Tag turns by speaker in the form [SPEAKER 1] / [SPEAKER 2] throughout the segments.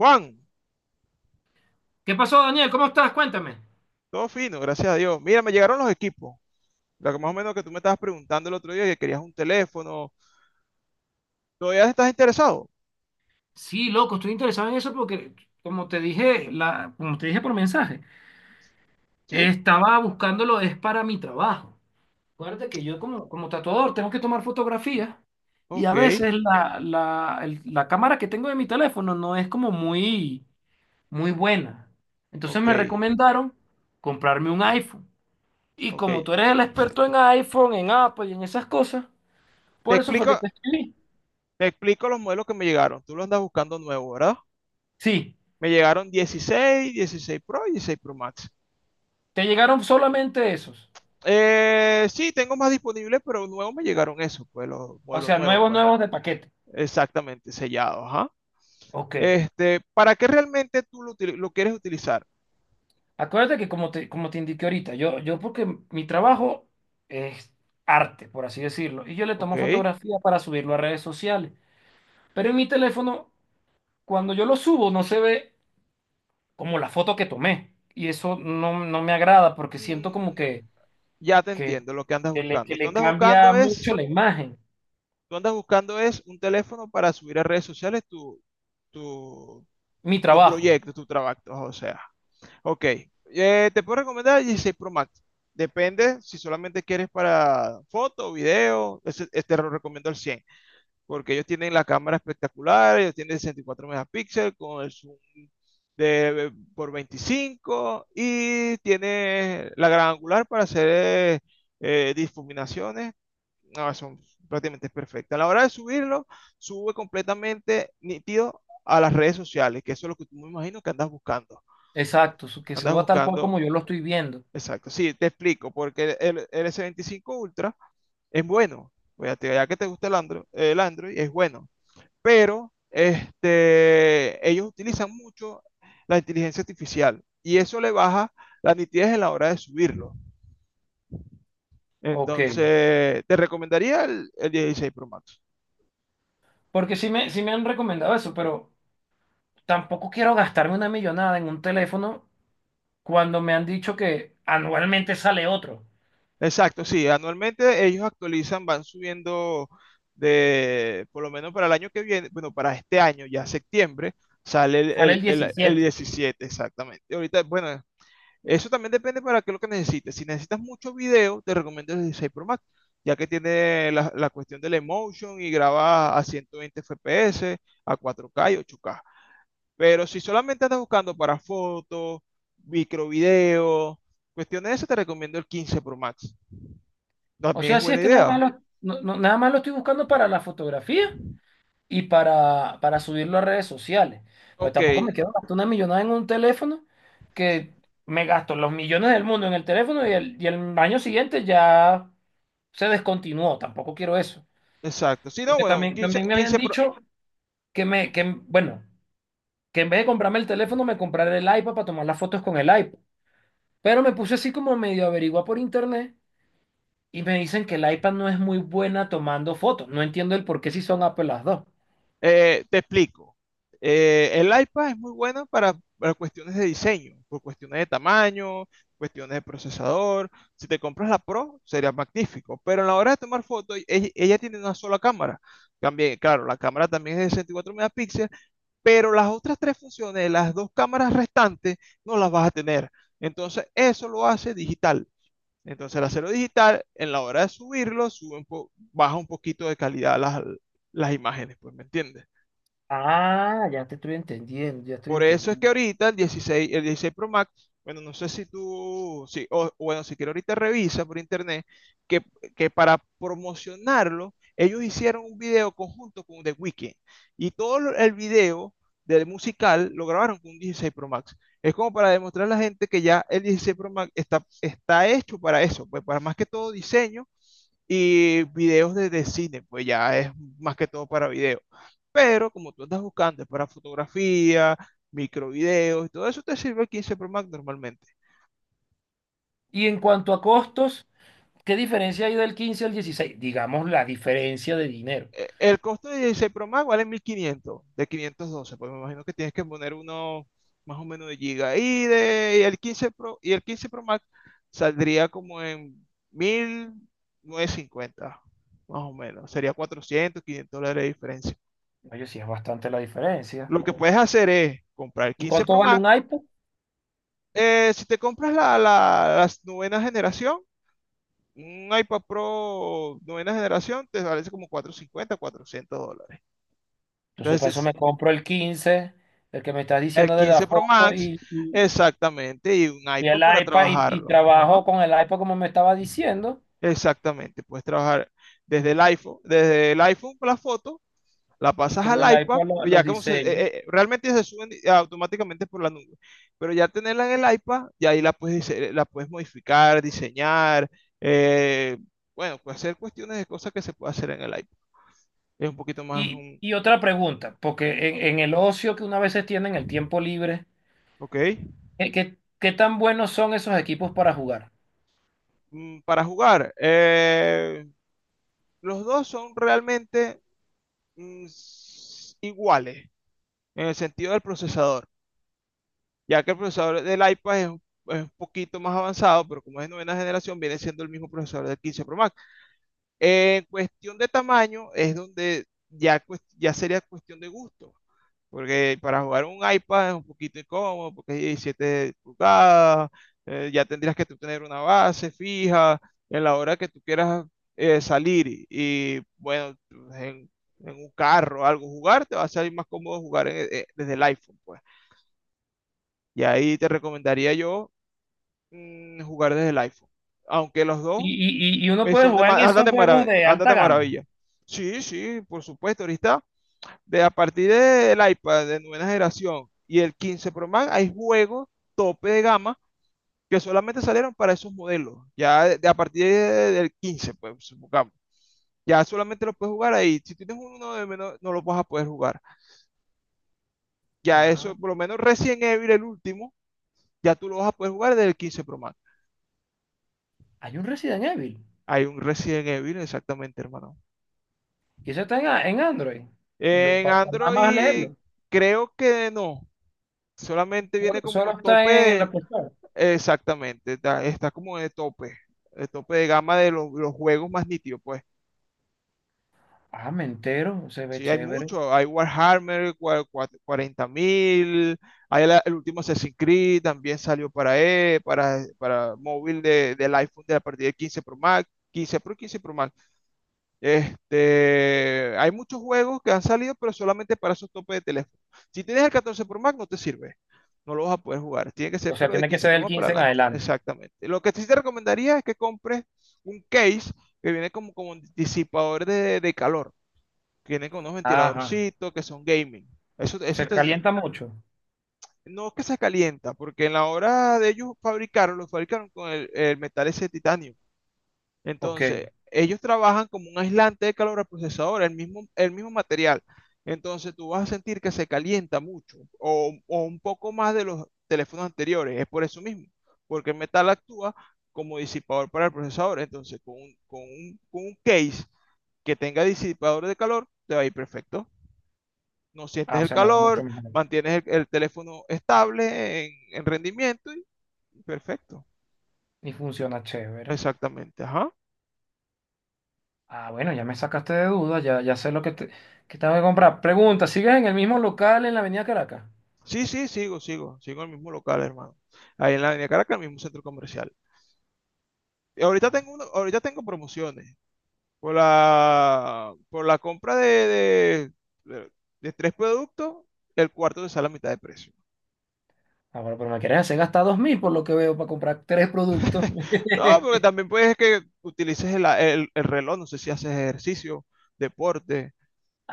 [SPEAKER 1] Juan,
[SPEAKER 2] ¿Qué pasó, Daniel? ¿Cómo estás? Cuéntame.
[SPEAKER 1] todo fino, gracias a Dios. Mira, me llegaron los equipos. Lo que más o menos que tú me estabas preguntando el otro día, que querías un teléfono. ¿Todavía estás interesado?
[SPEAKER 2] Sí, loco, estoy interesado en eso porque, como te dije, como te dije por mensaje,
[SPEAKER 1] Sí.
[SPEAKER 2] estaba buscándolo, es para mi trabajo. Acuérdate que yo como tatuador tengo que tomar fotografías y a
[SPEAKER 1] Ok,
[SPEAKER 2] veces la cámara que tengo de mi teléfono no es como muy buena. Entonces
[SPEAKER 1] ok,
[SPEAKER 2] me recomendaron comprarme un iPhone. Y
[SPEAKER 1] ok.
[SPEAKER 2] como tú eres el experto en iPhone, en Apple y en esas cosas,
[SPEAKER 1] Te
[SPEAKER 2] por eso fue que
[SPEAKER 1] explico,
[SPEAKER 2] te escribí.
[SPEAKER 1] te explico los modelos que me llegaron. Tú los andas buscando nuevos, ¿verdad?
[SPEAKER 2] Sí,
[SPEAKER 1] Me llegaron 16, 16 Pro y 16 Pro Max.
[SPEAKER 2] te llegaron solamente esos.
[SPEAKER 1] Sí, tengo más disponibles, pero nuevos me llegaron esos, pues los
[SPEAKER 2] O
[SPEAKER 1] modelos
[SPEAKER 2] sea,
[SPEAKER 1] nuevos,
[SPEAKER 2] nuevos,
[SPEAKER 1] pues.
[SPEAKER 2] nuevos de paquete.
[SPEAKER 1] Exactamente, sellados, ajá.
[SPEAKER 2] Ok.
[SPEAKER 1] Este, ¿para qué realmente tú lo quieres utilizar?
[SPEAKER 2] Acuérdate que como te indiqué ahorita, yo porque mi trabajo es arte, por así decirlo, y yo le
[SPEAKER 1] Ok.
[SPEAKER 2] tomo fotografía para subirlo a redes sociales. Pero en mi teléfono, cuando yo lo subo, no se ve como la foto que tomé. Y eso no me agrada porque siento como
[SPEAKER 1] Mm, Ya te
[SPEAKER 2] que,
[SPEAKER 1] entiendo lo que andas
[SPEAKER 2] que
[SPEAKER 1] buscando. Tú
[SPEAKER 2] le
[SPEAKER 1] andas
[SPEAKER 2] cambia
[SPEAKER 1] buscando
[SPEAKER 2] mucho
[SPEAKER 1] es,
[SPEAKER 2] la imagen.
[SPEAKER 1] tú andas buscando es un teléfono para subir a redes sociales tu,
[SPEAKER 2] Mi
[SPEAKER 1] tu
[SPEAKER 2] trabajo.
[SPEAKER 1] proyecto, tu trabajo, o sea. Ok. Te puedo recomendar el 16 Pro Max. Depende si solamente quieres para foto, video, este lo recomiendo al 100, porque ellos tienen la cámara espectacular, ellos tienen 64 megapíxeles con el zoom por 25 y tiene la gran angular para hacer difuminaciones no, son prácticamente perfectas. A la hora de subirlo, sube completamente nítido a las redes sociales, que eso es lo que tú me imagino que andas buscando.
[SPEAKER 2] Exacto, que
[SPEAKER 1] Andas
[SPEAKER 2] suba tal cual
[SPEAKER 1] buscando,
[SPEAKER 2] como yo lo estoy viendo.
[SPEAKER 1] exacto. Sí, te explico, porque el S25 Ultra es bueno. Ya que te gusta el Android es bueno, pero este, ellos utilizan mucho la inteligencia artificial y eso le baja la nitidez en la hora de subirlo.
[SPEAKER 2] Ok.
[SPEAKER 1] Entonces, te recomendaría el 16 Pro Max.
[SPEAKER 2] Porque sí me han recomendado eso, pero tampoco quiero gastarme una millonada en un teléfono cuando me han dicho que anualmente sale otro,
[SPEAKER 1] Exacto, sí, anualmente ellos actualizan, van subiendo por lo menos para el año que viene, bueno, para este año, ya septiembre, sale el,
[SPEAKER 2] sale
[SPEAKER 1] el,
[SPEAKER 2] el
[SPEAKER 1] el- el
[SPEAKER 2] 17.
[SPEAKER 1] 17, exactamente. Y ahorita, bueno, eso también depende para qué es lo que necesites. Si necesitas mucho video, te recomiendo el 16 Pro Max, ya que tiene la cuestión del emotion y graba a 120 FPS, a 4K y 8K. Pero si solamente andas buscando para fotos, microvideo, cuestiones de eso, te recomiendo el 15 Pro Max.
[SPEAKER 2] O
[SPEAKER 1] También es
[SPEAKER 2] sea, sí
[SPEAKER 1] buena
[SPEAKER 2] es que
[SPEAKER 1] idea.
[SPEAKER 2] nada más lo estoy buscando para la fotografía y para subirlo a redes sociales. Pues
[SPEAKER 1] Ok,
[SPEAKER 2] tampoco me quiero gastar una millonada en un teléfono que me gasto los millones del mundo en el teléfono y el año siguiente ya se descontinuó. Tampoco quiero eso.
[SPEAKER 1] exacto. Si no,
[SPEAKER 2] Porque
[SPEAKER 1] bueno, un
[SPEAKER 2] también,
[SPEAKER 1] 15,
[SPEAKER 2] también me habían
[SPEAKER 1] 15 pro-
[SPEAKER 2] dicho que me, que, bueno. que en vez de comprarme el teléfono, me compraré el iPad para tomar las fotos con el iPad. Pero me puse así como medio averiguar por internet y me dicen que el iPad no es muy buena tomando fotos. No entiendo el por qué si son Apple las dos.
[SPEAKER 1] eh, te explico. El iPad es muy bueno para cuestiones de diseño, por cuestiones de tamaño, cuestiones de procesador. Si te compras la Pro, sería magnífico. Pero en la hora de tomar fotos, ella tiene una sola cámara. También, claro, la cámara también es de 64 megapíxeles, pero las otras tres funciones, las dos cámaras restantes, no las vas a tener. Entonces, eso lo hace digital. Entonces el hacerlo digital, en la hora de subirlo, baja un poquito de calidad las imágenes, pues, ¿me entiendes?
[SPEAKER 2] Ah, ya te estoy entendiendo, ya estoy
[SPEAKER 1] Por eso es que
[SPEAKER 2] entendiendo.
[SPEAKER 1] ahorita el 16, el 16 Pro Max, bueno, no sé si tú, sí, o bueno, si quieres ahorita revisa por internet, que, que para promocionarlo, ellos hicieron un video conjunto con The Weeknd y el video del musical lo grabaron con un 16 Pro Max. Es como para demostrar a la gente que ya el 16 Pro Max está hecho para eso, pues para más que todo diseño y videos de cine, pues ya es más que todo para video. Pero como tú andas buscando, es para fotografía, microvideos y todo eso, te sirve el 15 Pro Max normalmente.
[SPEAKER 2] Y en cuanto a costos, ¿qué diferencia hay del 15 al 16? Digamos la diferencia de dinero.
[SPEAKER 1] El costo de 16 Pro Max vale 1500, de 512, pues me imagino que tienes que poner uno más o menos de giga. Y el 15 Pro, y el 15 Pro Max saldría como en 1950, más o menos. Sería 400, $500 de diferencia.
[SPEAKER 2] Oye, sí es bastante la diferencia.
[SPEAKER 1] Lo que puedes hacer es comprar el
[SPEAKER 2] ¿Y
[SPEAKER 1] 15
[SPEAKER 2] cuánto
[SPEAKER 1] Pro
[SPEAKER 2] vale un
[SPEAKER 1] Max.
[SPEAKER 2] iPad?
[SPEAKER 1] Si te compras las novena generación, un iPad Pro novena generación te vale como 450 $400.
[SPEAKER 2] Entonces para eso
[SPEAKER 1] Entonces, es-
[SPEAKER 2] me compro el 15, el que me estás
[SPEAKER 1] el
[SPEAKER 2] diciendo de
[SPEAKER 1] 15
[SPEAKER 2] la
[SPEAKER 1] Pro
[SPEAKER 2] foto
[SPEAKER 1] Max,
[SPEAKER 2] y... y
[SPEAKER 1] exactamente, y un
[SPEAKER 2] Y
[SPEAKER 1] iPad
[SPEAKER 2] el
[SPEAKER 1] para
[SPEAKER 2] iPad, y
[SPEAKER 1] trabajarlo.
[SPEAKER 2] trabajo
[SPEAKER 1] Ajá,
[SPEAKER 2] con el iPad como me estaba diciendo,
[SPEAKER 1] exactamente, puedes trabajar desde el iPhone con la foto la
[SPEAKER 2] y
[SPEAKER 1] pasas
[SPEAKER 2] con
[SPEAKER 1] al
[SPEAKER 2] el
[SPEAKER 1] iPad,
[SPEAKER 2] iPad
[SPEAKER 1] pues ya
[SPEAKER 2] los diseños.
[SPEAKER 1] realmente se suben automáticamente por la nube, pero ya tenerla en el iPad, y ahí la puedes modificar, diseñar, eh, bueno, pues hacer cuestiones de cosas que se puede hacer en el iPad. Es un poquito más,
[SPEAKER 2] Y otra pregunta, porque en el ocio que una vez se tiene, en el tiempo libre,
[SPEAKER 1] ok.
[SPEAKER 2] ¿ qué tan buenos son esos equipos para jugar?
[SPEAKER 1] Para jugar. Los dos son realmente iguales en el sentido del procesador, ya que el procesador del iPad es un poquito más avanzado, pero como es de novena generación, viene siendo el mismo procesador del 15 Pro Max. En cuestión de tamaño es donde ya sería cuestión de gusto, porque para jugar un iPad es un poquito incómodo, porque es 17 pulgadas, ya tendrías que tú tener una base fija en la hora que tú quieras salir y, bueno, pues, en un carro o algo jugar, te va a salir más cómodo jugar desde el iPhone, pues. Y ahí te recomendaría yo jugar desde el iPhone, aunque los dos
[SPEAKER 2] Y uno puede
[SPEAKER 1] son de,
[SPEAKER 2] jugar
[SPEAKER 1] ma-
[SPEAKER 2] en
[SPEAKER 1] andan
[SPEAKER 2] esos
[SPEAKER 1] de
[SPEAKER 2] juegos
[SPEAKER 1] marav-
[SPEAKER 2] de
[SPEAKER 1] andan
[SPEAKER 2] alta
[SPEAKER 1] de
[SPEAKER 2] gama.
[SPEAKER 1] maravilla. Sí, sí, por supuesto. Ahorita, a partir del iPad de nueva generación y el 15 Pro Max, hay juegos tope de gama que solamente salieron para esos modelos. Ya de a partir del 15 pues, supongamos. Ya solamente lo puedes jugar ahí. Si tienes uno de menos, no lo vas a poder jugar. Ya
[SPEAKER 2] Ah,
[SPEAKER 1] eso, por lo menos Resident Evil, el último, ya tú lo vas a poder jugar desde el 15 Pro Max.
[SPEAKER 2] hay un Resident Evil,
[SPEAKER 1] Hay un Resident Evil, exactamente, hermano.
[SPEAKER 2] y eso está en, en Android.
[SPEAKER 1] En
[SPEAKER 2] Nada más
[SPEAKER 1] Android,
[SPEAKER 2] leerlo.
[SPEAKER 1] creo que no. Solamente
[SPEAKER 2] Solo,
[SPEAKER 1] viene como
[SPEAKER 2] solo está
[SPEAKER 1] tope
[SPEAKER 2] en el
[SPEAKER 1] de,
[SPEAKER 2] Apple Store.
[SPEAKER 1] exactamente, está como de tope, de tope de gama de los juegos más nítidos, pues.
[SPEAKER 2] Ah, me entero, se ve
[SPEAKER 1] Sí, hay
[SPEAKER 2] chévere.
[SPEAKER 1] mucho, hay Warhammer 40.000, hay el último Assassin's Creed, también salió para móvil del iPhone de a partir de 15 Pro Max, 15 Pro, 15 Pro Max. Este, hay muchos juegos que han salido, pero solamente para esos topes de teléfono. Si tienes el 14 Pro Max, no te sirve. No lo vas a poder jugar. Tiene que
[SPEAKER 2] O
[SPEAKER 1] ser
[SPEAKER 2] sea,
[SPEAKER 1] puro de
[SPEAKER 2] tiene que
[SPEAKER 1] 15
[SPEAKER 2] ser
[SPEAKER 1] Pro
[SPEAKER 2] del
[SPEAKER 1] Max para
[SPEAKER 2] 15 en
[SPEAKER 1] adelante.
[SPEAKER 2] adelante.
[SPEAKER 1] Exactamente. Lo que sí te recomendaría es que compres un case que viene como un disipador de calor. Que viene con unos
[SPEAKER 2] Ajá.
[SPEAKER 1] ventiladorcitos que son gaming. Eso, eso
[SPEAKER 2] Se
[SPEAKER 1] te-
[SPEAKER 2] calienta mucho.
[SPEAKER 1] no es que se calienta, porque en la hora de ellos fabricaron, lo fabricaron con el metal ese de titanio.
[SPEAKER 2] Ok.
[SPEAKER 1] Entonces, ellos trabajan como un aislante de calor al procesador, el mismo material. Entonces, tú vas a sentir que se calienta mucho o un poco más de los teléfonos anteriores. Es por eso mismo, porque el metal actúa como disipador para el procesador. Entonces, con un case que tenga disipador de calor, te va a ir perfecto. No sientes
[SPEAKER 2] Ah, o
[SPEAKER 1] el
[SPEAKER 2] sea, me va
[SPEAKER 1] calor,
[SPEAKER 2] mucho mejor.
[SPEAKER 1] mantienes el teléfono estable en rendimiento y perfecto.
[SPEAKER 2] Y funciona chévere.
[SPEAKER 1] Exactamente, ajá.
[SPEAKER 2] Ah, bueno, ya me sacaste de dudas, ya, ya sé que tengo que comprar. Pregunta, ¿sigues en el mismo local en la Avenida Caracas?
[SPEAKER 1] Sí, sí, sigo, sigo, sigo en el mismo local, hermano. Ahí en la Avenida Caracas, el mismo centro comercial. Y ahorita
[SPEAKER 2] Ah,
[SPEAKER 1] tengo promociones por la compra de- de tres productos, el cuarto te sale a mitad de precio.
[SPEAKER 2] ah, bueno, pero me quieres hacer gastar 2000 por lo que veo para comprar tres productos.
[SPEAKER 1] No, porque también puedes que utilices el reloj, no sé si haces ejercicio, deporte,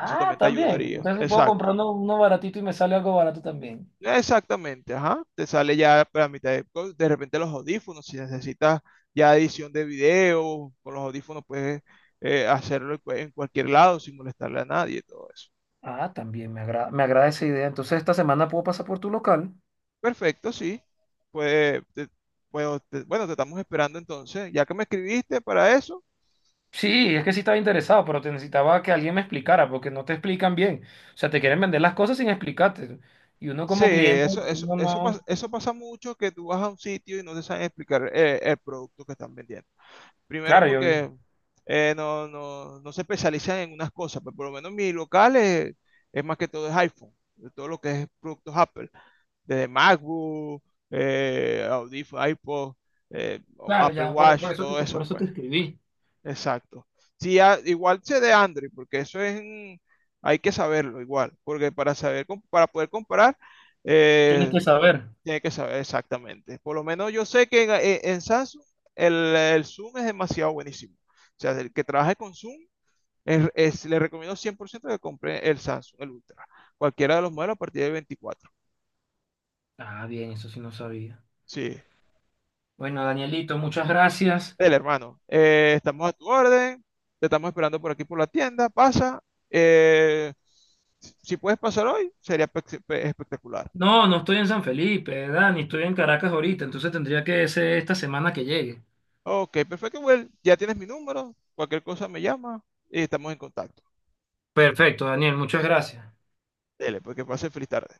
[SPEAKER 1] eso también te
[SPEAKER 2] también.
[SPEAKER 1] ayudaría.
[SPEAKER 2] Entonces puedo
[SPEAKER 1] Exacto.
[SPEAKER 2] comprar uno, uno baratito y me sale algo barato también.
[SPEAKER 1] Exactamente, ajá. Te sale ya para mitad de repente los audífonos, si necesitas ya edición de video, con los audífonos puedes hacerlo en cualquier lado sin molestarle a nadie y todo eso.
[SPEAKER 2] Ah, también me agrada esa idea. Entonces esta semana puedo pasar por tu local.
[SPEAKER 1] Perfecto, sí. Pues, te- pues, bueno, te estamos esperando entonces. Ya que me escribiste para eso,
[SPEAKER 2] Sí, es que sí estaba interesado, pero te necesitaba que alguien me explicara, porque no te explican bien. O sea, te quieren vender las cosas sin explicarte. Y uno
[SPEAKER 1] sí,
[SPEAKER 2] como cliente, uno no.
[SPEAKER 1] eso pasa mucho que tú vas a un sitio y no te saben explicar el producto que están vendiendo. Primero
[SPEAKER 2] Claro, yo.
[SPEAKER 1] porque no se especializan en unas cosas, pero por lo menos mi local es más que todo es iPhone, de todo lo que es productos Apple, desde MacBook, audífonos, iPod, eh,
[SPEAKER 2] Claro,
[SPEAKER 1] Apple
[SPEAKER 2] ya, por
[SPEAKER 1] Watch,
[SPEAKER 2] eso
[SPEAKER 1] todo eso,
[SPEAKER 2] por eso
[SPEAKER 1] pues.
[SPEAKER 2] te escribí.
[SPEAKER 1] Exacto. Sí, igual sé de Android, porque hay que saberlo igual, porque para saber, para poder comparar,
[SPEAKER 2] Tienes
[SPEAKER 1] eh,
[SPEAKER 2] que saber.
[SPEAKER 1] tiene que saber exactamente. Por lo menos yo sé que en Samsung el Zoom es demasiado buenísimo. O sea, el que trabaje con Zoom, le recomiendo 100% que compre el Samsung, el Ultra. Cualquiera de los modelos a partir de 24.
[SPEAKER 2] Ah, bien, eso sí no sabía.
[SPEAKER 1] Sí,
[SPEAKER 2] Bueno, Danielito, muchas gracias.
[SPEAKER 1] el hermano. Estamos a tu orden. Te estamos esperando por aquí por la tienda. Pasa. Eh, si puedes pasar hoy, sería espectacular.
[SPEAKER 2] No, no estoy en San Felipe, Dani, estoy en Caracas ahorita, entonces tendría que ser esta semana que llegue.
[SPEAKER 1] Ok, perfecto, Well. Ya tienes mi número. Cualquier cosa me llama y estamos en contacto.
[SPEAKER 2] Perfecto, Daniel, muchas gracias.
[SPEAKER 1] Dele, porque pase feliz tarde.